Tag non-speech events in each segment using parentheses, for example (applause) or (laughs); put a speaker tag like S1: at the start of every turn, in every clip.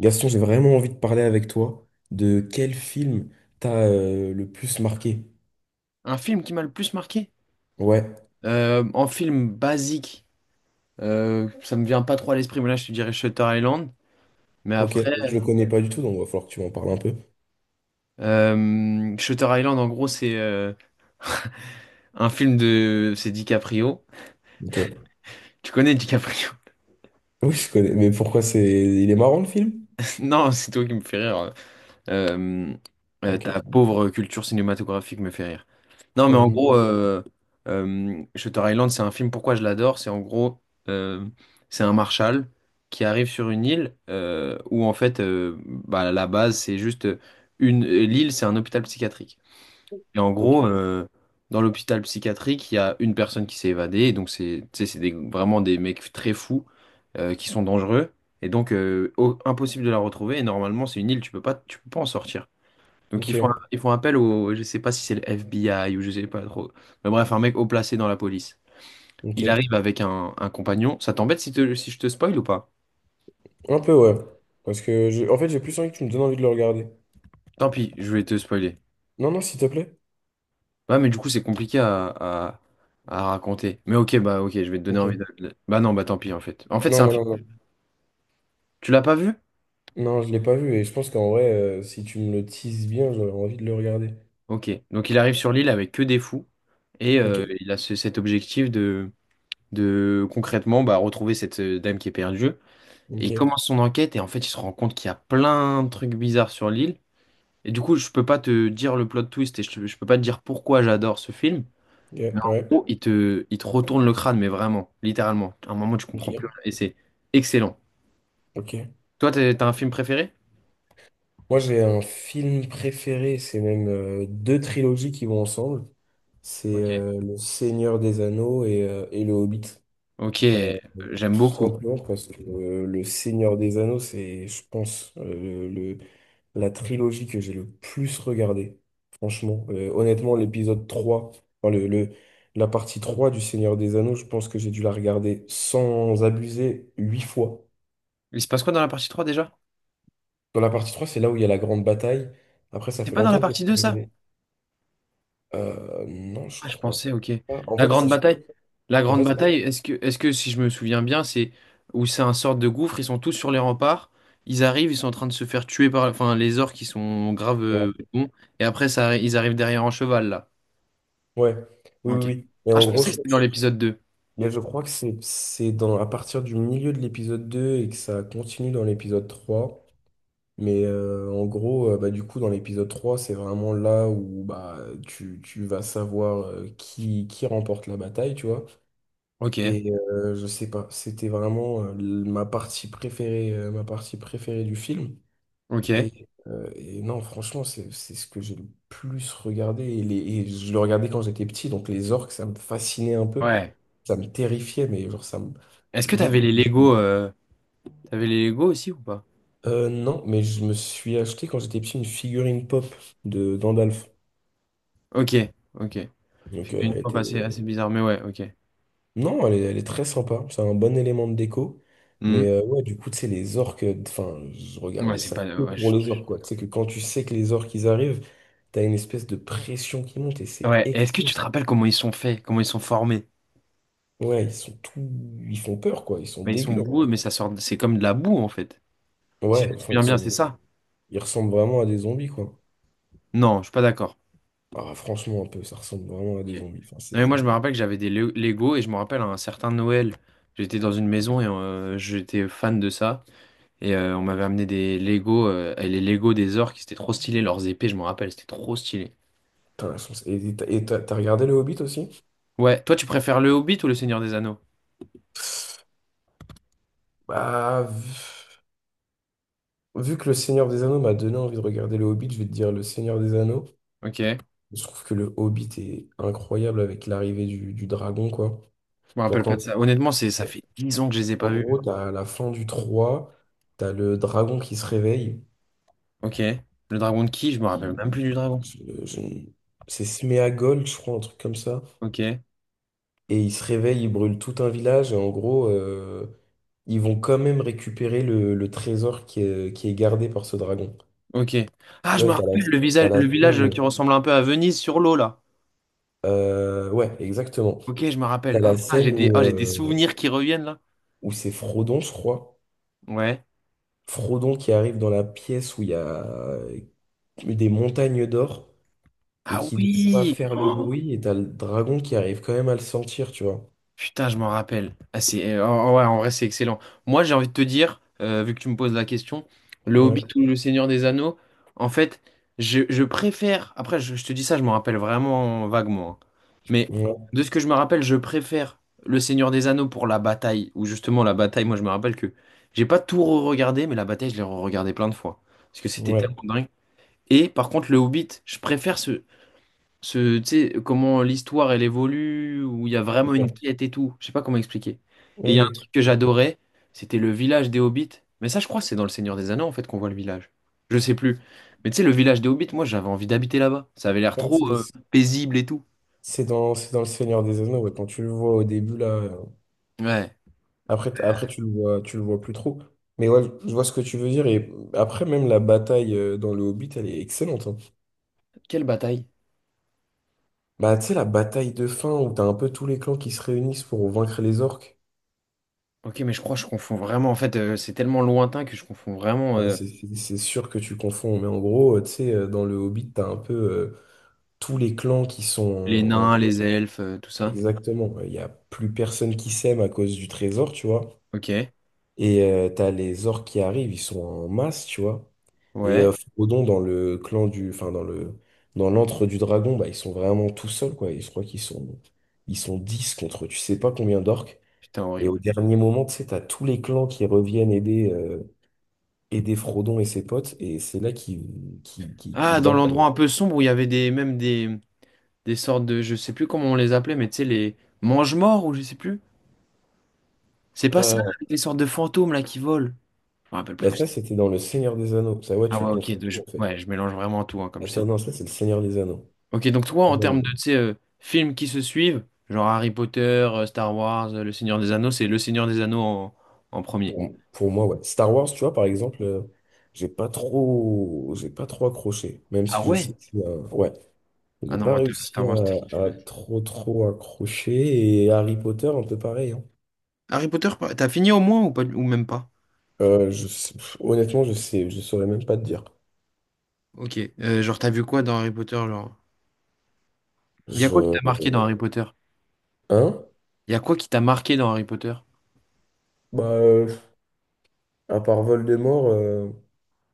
S1: Gaston, j'ai vraiment envie de parler avec toi de quel film t'a le plus marqué.
S2: Un film qui m'a le plus marqué?
S1: Ouais,
S2: En film basique, ça me vient pas trop à l'esprit, mais là je te dirais Shutter Island. Mais
S1: ok,
S2: après,
S1: je le connais pas du tout, donc il va falloir que tu m'en parles un peu.
S2: Shutter Island, en gros, c'est C'est DiCaprio.
S1: Ok. (laughs)
S2: Tu connais DiCaprio? (laughs)
S1: Oui, je connais, mais pourquoi c'est... Il est marrant le film?
S2: Non, c'est toi qui me fais rire. Euh,
S1: Ok.
S2: ta pauvre culture cinématographique me fait rire. Non,
S1: Ok,
S2: mais en gros,
S1: (laughs)
S2: Shutter Island, c'est un film, pourquoi je l'adore? C'est en gros, euh, c'est un marshal qui arrive sur une île où en fait, bah, la base, c'est L'île, c'est un hôpital psychiatrique. Et en
S1: ok,
S2: gros, dans l'hôpital psychiatrique, il y a une personne qui s'est évadée. Et donc, c'est, tu sais, c'est vraiment des mecs très fous qui sont dangereux. Et donc, impossible de la retrouver. Et normalement, c'est une île, tu peux pas en sortir. Donc ils font,
S1: ok.
S2: ils font appel au, je sais pas si c'est le FBI ou je sais pas trop. Mais bref, un mec haut placé dans la police. Il
S1: Ok.
S2: arrive avec un compagnon. Ça t'embête si je te spoil ou pas?
S1: Un peu, ouais. Parce que, en fait, j'ai plus envie que tu me donnes envie de le regarder.
S2: Tant pis, je vais te spoiler.
S1: Non, non, s'il te plaît.
S2: Ouais, mais du coup, c'est compliqué à raconter. Mais ok, bah ok, je vais te donner envie de...
S1: Ok.
S2: de- Bah non, bah tant pis en fait. En fait, c'est
S1: Non,
S2: un
S1: non,
S2: film.
S1: non, non.
S2: Tu l'as pas vu?
S1: Non, je l'ai pas vu, et je pense qu'en vrai, si tu me le teases bien, j'aurais envie de le regarder.
S2: Ok. Donc il arrive sur l'île avec que des fous. Et
S1: Ok,
S2: il a cet objectif de concrètement bah, retrouver cette dame qui est perdue. Et
S1: ok,
S2: il commence son enquête et en fait, il se rend compte qu'il y a plein de trucs bizarres sur l'île. Et du coup, je peux pas te dire le plot twist et je peux pas te dire pourquoi j'adore ce film.
S1: ok,
S2: Mais en
S1: ouais,
S2: gros, il te retourne le crâne, mais vraiment, littéralement. À un moment, tu comprends plus
S1: ok,
S2: rien et c'est excellent.
S1: ok.
S2: Toi, t'as un film préféré?
S1: Moi, j'ai un film préféré, c'est même deux trilogies qui vont ensemble. C'est
S2: Ok.
S1: Le Seigneur des Anneaux et Le Hobbit.
S2: Ok, j'aime
S1: Tout
S2: beaucoup.
S1: simplement parce que Le Seigneur des Anneaux, c'est, je pense, la trilogie que j'ai le plus regardée. Franchement, honnêtement, l'épisode 3, enfin, la partie 3 du Seigneur des Anneaux, je pense que j'ai dû la regarder sans abuser 8 fois.
S2: Il se passe quoi dans la partie 3 déjà?
S1: Dans la partie trois, c'est là où il y a la grande bataille. Après, ça
S2: C'est
S1: fait
S2: pas dans la
S1: longtemps que j'ai
S2: partie
S1: pas
S2: 2 ça?
S1: regardé. Non, je
S2: Ah, je
S1: crois
S2: pensais, ok.
S1: pas.
S2: La grande bataille, la
S1: En
S2: grande
S1: fait,
S2: bataille, est-ce que si je me souviens bien, c'est où c'est un sorte de gouffre, ils sont tous sur les remparts, ils arrivent, ils sont en train de se faire tuer par, enfin, les orques qui sont graves
S1: ouais.
S2: bons, et après, ils arrivent derrière en cheval, là.
S1: Ouais. Oui, oui,
S2: Ok.
S1: oui.
S2: Ah, je pensais que c'était dans l'épisode deux.
S1: Mais je crois que c'est dans à partir du milieu de l'épisode 2 et que ça continue dans l'épisode 3. Mais du coup, dans l'épisode 3 c'est vraiment là où bah, tu vas savoir euh, qui remporte la bataille, tu vois.
S2: Ok,
S1: Et je sais pas, c'était vraiment ma partie préférée du film.
S2: ok.
S1: Et non, franchement, c'est ce que j'ai le plus regardé. Et je le regardais quand j'étais petit, donc les orques, ça me fascinait un peu.
S2: Ouais.
S1: Ça me terrifiait, mais genre, ça me.
S2: Est-ce que
S1: dès que-
S2: t'avais les Lego aussi ou pas?
S1: Non, mais je me suis acheté quand j'étais petit une figurine pop de d'Andalf.
S2: Ok, ok.
S1: Donc,
S2: Fait
S1: elle
S2: qu'une fois
S1: était.
S2: passé, assez bizarre, mais ouais, ok.
S1: Non, elle est très sympa. C'est un bon élément de déco.
S2: Hmm.
S1: Mais ouais, du coup, tu sais, les orques, enfin, je
S2: Ouais,
S1: regardais
S2: c'est
S1: ça
S2: pas,
S1: que
S2: ouais,
S1: pour les orques, quoi. Tu sais que quand tu sais que les orques, ils arrivent, t'as une espèce de pression qui monte et c'est
S2: ouais. Est-ce que tu
S1: excellent.
S2: te rappelles comment ils sont faits, comment ils sont formés?
S1: Ouais, ils sont tout... Ils font peur, quoi. Ils sont
S2: Mais ils sont
S1: dégueux, en vrai.
S2: boueux, mais ça sort, c'est comme de la boue en fait. Si je
S1: Ouais,
S2: me
S1: enfin, ils
S2: souviens bien, c'est
S1: sont...
S2: ça?
S1: Ils ressemblent vraiment à des zombies, quoi.
S2: Non, je suis pas d'accord.
S1: Ah, franchement, un peu, ça ressemble vraiment à
S2: Ok.
S1: des zombies. Enfin,
S2: Non, mais moi je
S1: c'est...
S2: me rappelle que j'avais des Lego et je me rappelle un certain Noël. J'étais dans une maison et j'étais fan de ça. Et on m'avait amené des Lego et les Lego des orques, c'était trop stylé. Leurs épées, je me rappelle, c'était trop stylé.
S1: Putain, elles sont- Et t'as regardé le Hobbit aussi?
S2: Ouais, toi tu préfères le Hobbit ou le Seigneur des Anneaux?
S1: Bah, vu que le Seigneur des Anneaux m'a donné envie de regarder le Hobbit, je vais te dire le Seigneur des Anneaux.
S2: Ok. Je
S1: Je trouve que le Hobbit est incroyable avec l'arrivée du dragon, quoi.
S2: me
S1: Genre
S2: rappelle pas
S1: quand...
S2: de ça. Honnêtement, c'est ça fait 10 ans que je les ai
S1: En
S2: pas vus.
S1: gros, t'as la fin du 3, t'as le dragon qui se réveille.
S2: Ok. Le dragon de qui? Je me rappelle même plus du dragon.
S1: Je- je- C'est Sméagol, je crois, un truc comme ça.
S2: Ok.
S1: Et ils se réveillent, ils brûlent tout un village, et en gros, ils vont quand même récupérer le trésor qui est gardé par ce dragon.
S2: Ok. Ah,
S1: Tu
S2: je
S1: vois,
S2: me
S1: et
S2: rappelle le
S1: t'as
S2: visage,
S1: la
S2: le village
S1: scène...
S2: qui ressemble un peu à Venise sur l'eau là.
S1: ouais, exactement.
S2: Ok, je me
S1: T'as
S2: rappelle. Ah,
S1: la
S2: putain,
S1: scène
S2: j'ai des,
S1: où,
S2: ah, j'ai des souvenirs qui reviennent là.
S1: où c'est Frodon, je crois.
S2: Ouais.
S1: Frodon qui arrive dans la pièce où il y a euh, des montagnes d'or, et
S2: Ah
S1: qui ne doit pas
S2: oui.
S1: faire le
S2: Oh,
S1: bruit, et t'as le dragon qui arrive quand même à le sentir, tu vois.
S2: putain, je m'en rappelle. Ah, c'est, ouais, en vrai, c'est excellent. Moi, j'ai envie de te dire, vu que tu me poses la question, Le
S1: Ouais,
S2: Hobbit ou Le Seigneur des Anneaux, en fait, je préfère. Après, je te dis ça, je m'en rappelle vraiment vaguement, hein. Mais de ce que je me rappelle, je préfère Le Seigneur des Anneaux pour la bataille. Ou justement, la bataille, moi, je me rappelle que j'ai pas tout re-regardé, mais la bataille, je l'ai re-regardée plein de fois. Parce que c'était tellement
S1: ouais,
S2: dingue. Et par contre, Le Hobbit, je préfère ce, tu sais, comment l'histoire elle évolue, où il y a vraiment une
S1: ouais.
S2: quête et tout. Je sais pas comment expliquer. Et il
S1: Oui,
S2: y a un
S1: oui.
S2: truc que j'adorais, c'était le village des Hobbits. Mais ça, je crois que c'est dans Le Seigneur des Anneaux en fait qu'on voit le village. Je sais plus. Mais tu sais, le village des Hobbits, moi j'avais envie d'habiter là-bas. Ça avait l'air
S1: Ouais,
S2: trop paisible et tout.
S1: C'est dans Le Seigneur des Anneaux, ouais. Quand tu le vois au début, là,
S2: Ouais.
S1: après, après tu le vois plus trop. Mais ouais, je vois ce que tu veux dire. Et après, même la bataille dans Le Hobbit, elle est excellente, hein.
S2: Quelle bataille.
S1: Bah, tu sais, la bataille de fin où t'as un peu tous les clans qui se réunissent pour vaincre les orques.
S2: Ok, mais je crois que je confonds vraiment. En fait, c'est tellement lointain que je confonds vraiment
S1: Bah, c'est sûr que tu confonds. Mais en gros, tu sais, dans Le Hobbit, t'as un peu tous les clans qui
S2: les
S1: sont en
S2: nains,
S1: guerre.
S2: les elfes, tout ça.
S1: Exactement, ouais. Il n'y a plus personne qui s'aime à cause du trésor, tu vois.
S2: Ok.
S1: Et t'as les orques qui arrivent, ils sont en masse, tu vois. Et
S2: Ouais.
S1: Frodon, dans le clan du... Enfin, dans le... Dans l'antre du dragon, bah, ils sont vraiment tout seuls, quoi. Et je crois qu'ils sont... Ils sont 10 contre tu sais pas combien d'orques.
S2: Putain,
S1: Et au
S2: horrible.
S1: dernier moment, tu sais, t'as tous les clans qui reviennent aider, aider Frodon et ses potes. Et c'est là qui
S2: Ah, dans
S1: battent...
S2: l'endroit un peu sombre où il y avait des, même des sortes de, je sais plus comment on les appelait, mais tu sais, les mange-morts ou je sais plus. C'est pas ça,
S1: euh,
S2: avec les sortes de fantômes là qui volent. Je me rappelle
S1: bah
S2: plus.
S1: ça, c'était dans Le Seigneur des Anneaux. Ça, ouais,
S2: Ah
S1: tu
S2: ouais, ok,
S1: confonds tout, en fait.
S2: ouais, je mélange vraiment tout, hein, comme
S1: Ah,
S2: je t'ai
S1: ça,
S2: dit.
S1: non, ça, c'est Le Seigneur des Anneaux.
S2: Ok, donc toi,
S1: Ah,
S2: en
S1: ouais.
S2: termes de, tu sais, films qui se suivent, genre Harry Potter, Star Wars, Le Seigneur des Anneaux, c'est Le Seigneur des Anneaux en
S1: Pour,
S2: premier.
S1: pour moi, ouais. Star Wars, tu vois, par exemple, j'ai pas trop accroché, même
S2: Ah
S1: si je sais
S2: ouais?
S1: que, euh, ouais,
S2: Ah
S1: j'ai
S2: non,
S1: pas
S2: moi,
S1: réussi
S2: Star Wars, c'était
S1: à
S2: quelque chose.
S1: trop trop accrocher. Et Harry Potter, un peu pareil, hein.
S2: Harry Potter, t'as fini au moins ou pas, ou même pas?
S1: Pff, honnêtement, je saurais même pas te dire.
S2: Ok, genre, t'as vu quoi dans Harry Potter, genre? Il y a quoi
S1: Je,
S2: qui t'a marqué dans Harry Potter?
S1: hein?
S2: Il y a quoi qui t'a marqué dans Harry Potter?
S1: Bah, à part Voldemort,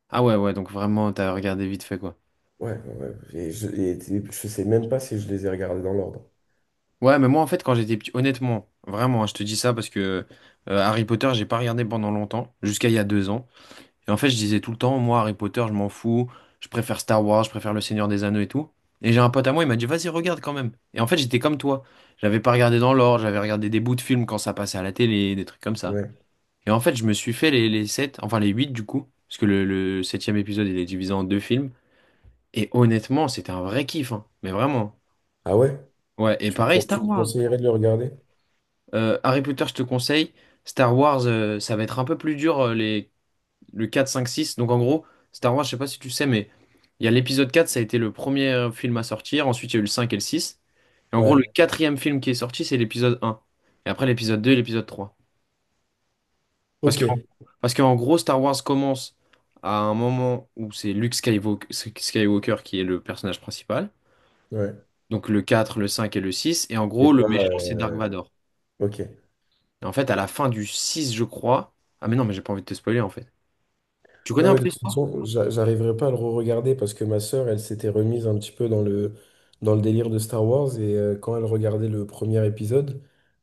S2: Ah ouais, ouais, donc vraiment, t'as regardé vite fait, quoi.
S1: ouais, ouais. Et je sais même pas si je les ai regardés dans l'ordre.
S2: Ouais, mais moi, en fait, quand j'étais petit, honnêtement, vraiment, hein, je te dis ça parce que Harry Potter, j'ai pas regardé pendant longtemps, jusqu'à il y a 2 ans. Et en fait, je disais tout le temps, moi, Harry Potter, je m'en fous, je préfère Star Wars, je préfère Le Seigneur des Anneaux et tout. Et j'ai un pote à moi, il m'a dit, vas-y, regarde quand même. Et en fait, j'étais comme toi. J'avais pas regardé dans l'ordre, j'avais regardé des bouts de films quand ça passait à la télé, des trucs comme ça.
S1: Ouais.
S2: Et en fait, je me suis fait les sept, enfin les huit du coup, parce que le septième épisode, il est divisé en deux films. Et honnêtement, c'était un vrai kiff, hein, mais vraiment.
S1: Ah ouais?
S2: Ouais, et pareil,
S1: Tu
S2: Star
S1: me
S2: Wars.
S1: conseillerais de le regarder?
S2: Harry Potter, je te conseille. Star Wars, ça va être un peu plus dur, le quatre, cinq, six. Donc en gros, Star Wars, je sais pas si tu sais, mais il y a l'épisode quatre, ça a été le premier film à sortir. Ensuite, il y a eu le 5 et le six. Et en gros,
S1: Ouais.
S2: le quatrième film qui est sorti, c'est l'épisode un. Et après, l'épisode 2 et l'épisode trois. Parce
S1: Ok.
S2: que, parce qu'en gros, Star Wars commence à un moment où c'est Luke Skywalker qui est le personnage principal.
S1: Ouais.
S2: Donc le quatre, le 5 et le six. Et en
S1: Et
S2: gros, le
S1: pas.
S2: méchant, c'est Dark Vador.
S1: Ok.
S2: Et en fait, à la fin du 6, je crois. Ah, mais non, mais j'ai pas envie de te spoiler, en fait. Tu
S1: Non,
S2: connais un
S1: mais de
S2: peu?
S1: toute façon, j'arriverai pas à le re-regarder parce que ma sœur, elle s'était remise un petit peu dans le délire de Star Wars, et quand elle regardait le premier épisode,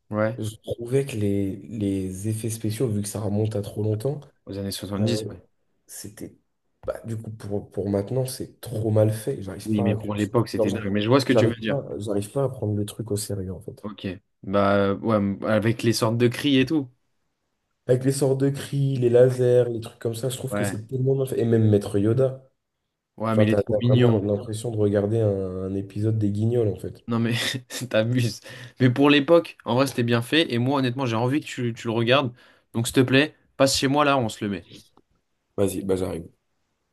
S2: Ouais,
S1: je trouvais que les effets spéciaux, vu que ça remonte à trop longtemps,
S2: aux années
S1: euh,
S2: 70, ouais.
S1: c'était... Bah, du coup, pour maintenant, c'est trop mal fait. J'arrive
S2: Oui,
S1: pas à
S2: mais pour
S1: accrocher.
S2: l'époque,
S1: Non,
S2: c'était
S1: j'arrive
S2: dingue. Mais je vois ce que tu
S1: j'arrive
S2: veux dire.
S1: pas, j'arrive pas à prendre le truc au sérieux, en fait.
S2: Ok. Bah, ouais, avec les sortes de cris et tout.
S1: Avec les sorts de cris, les lasers, les trucs comme ça, je trouve que
S2: Ouais.
S1: c'est tellement mal fait. Et même Maître Yoda.
S2: Ouais, mais
S1: Enfin,
S2: il est trop
S1: t'as vraiment
S2: mignon.
S1: l'impression de regarder un épisode des Guignols, en fait.
S2: Non, mais (laughs) t'abuses. Mais pour l'époque, en vrai, c'était bien fait. Et moi, honnêtement, j'ai envie que tu le regardes. Donc, s'il te plaît, passe chez moi là, on se le met.
S1: Vas-y, bah j'arrive.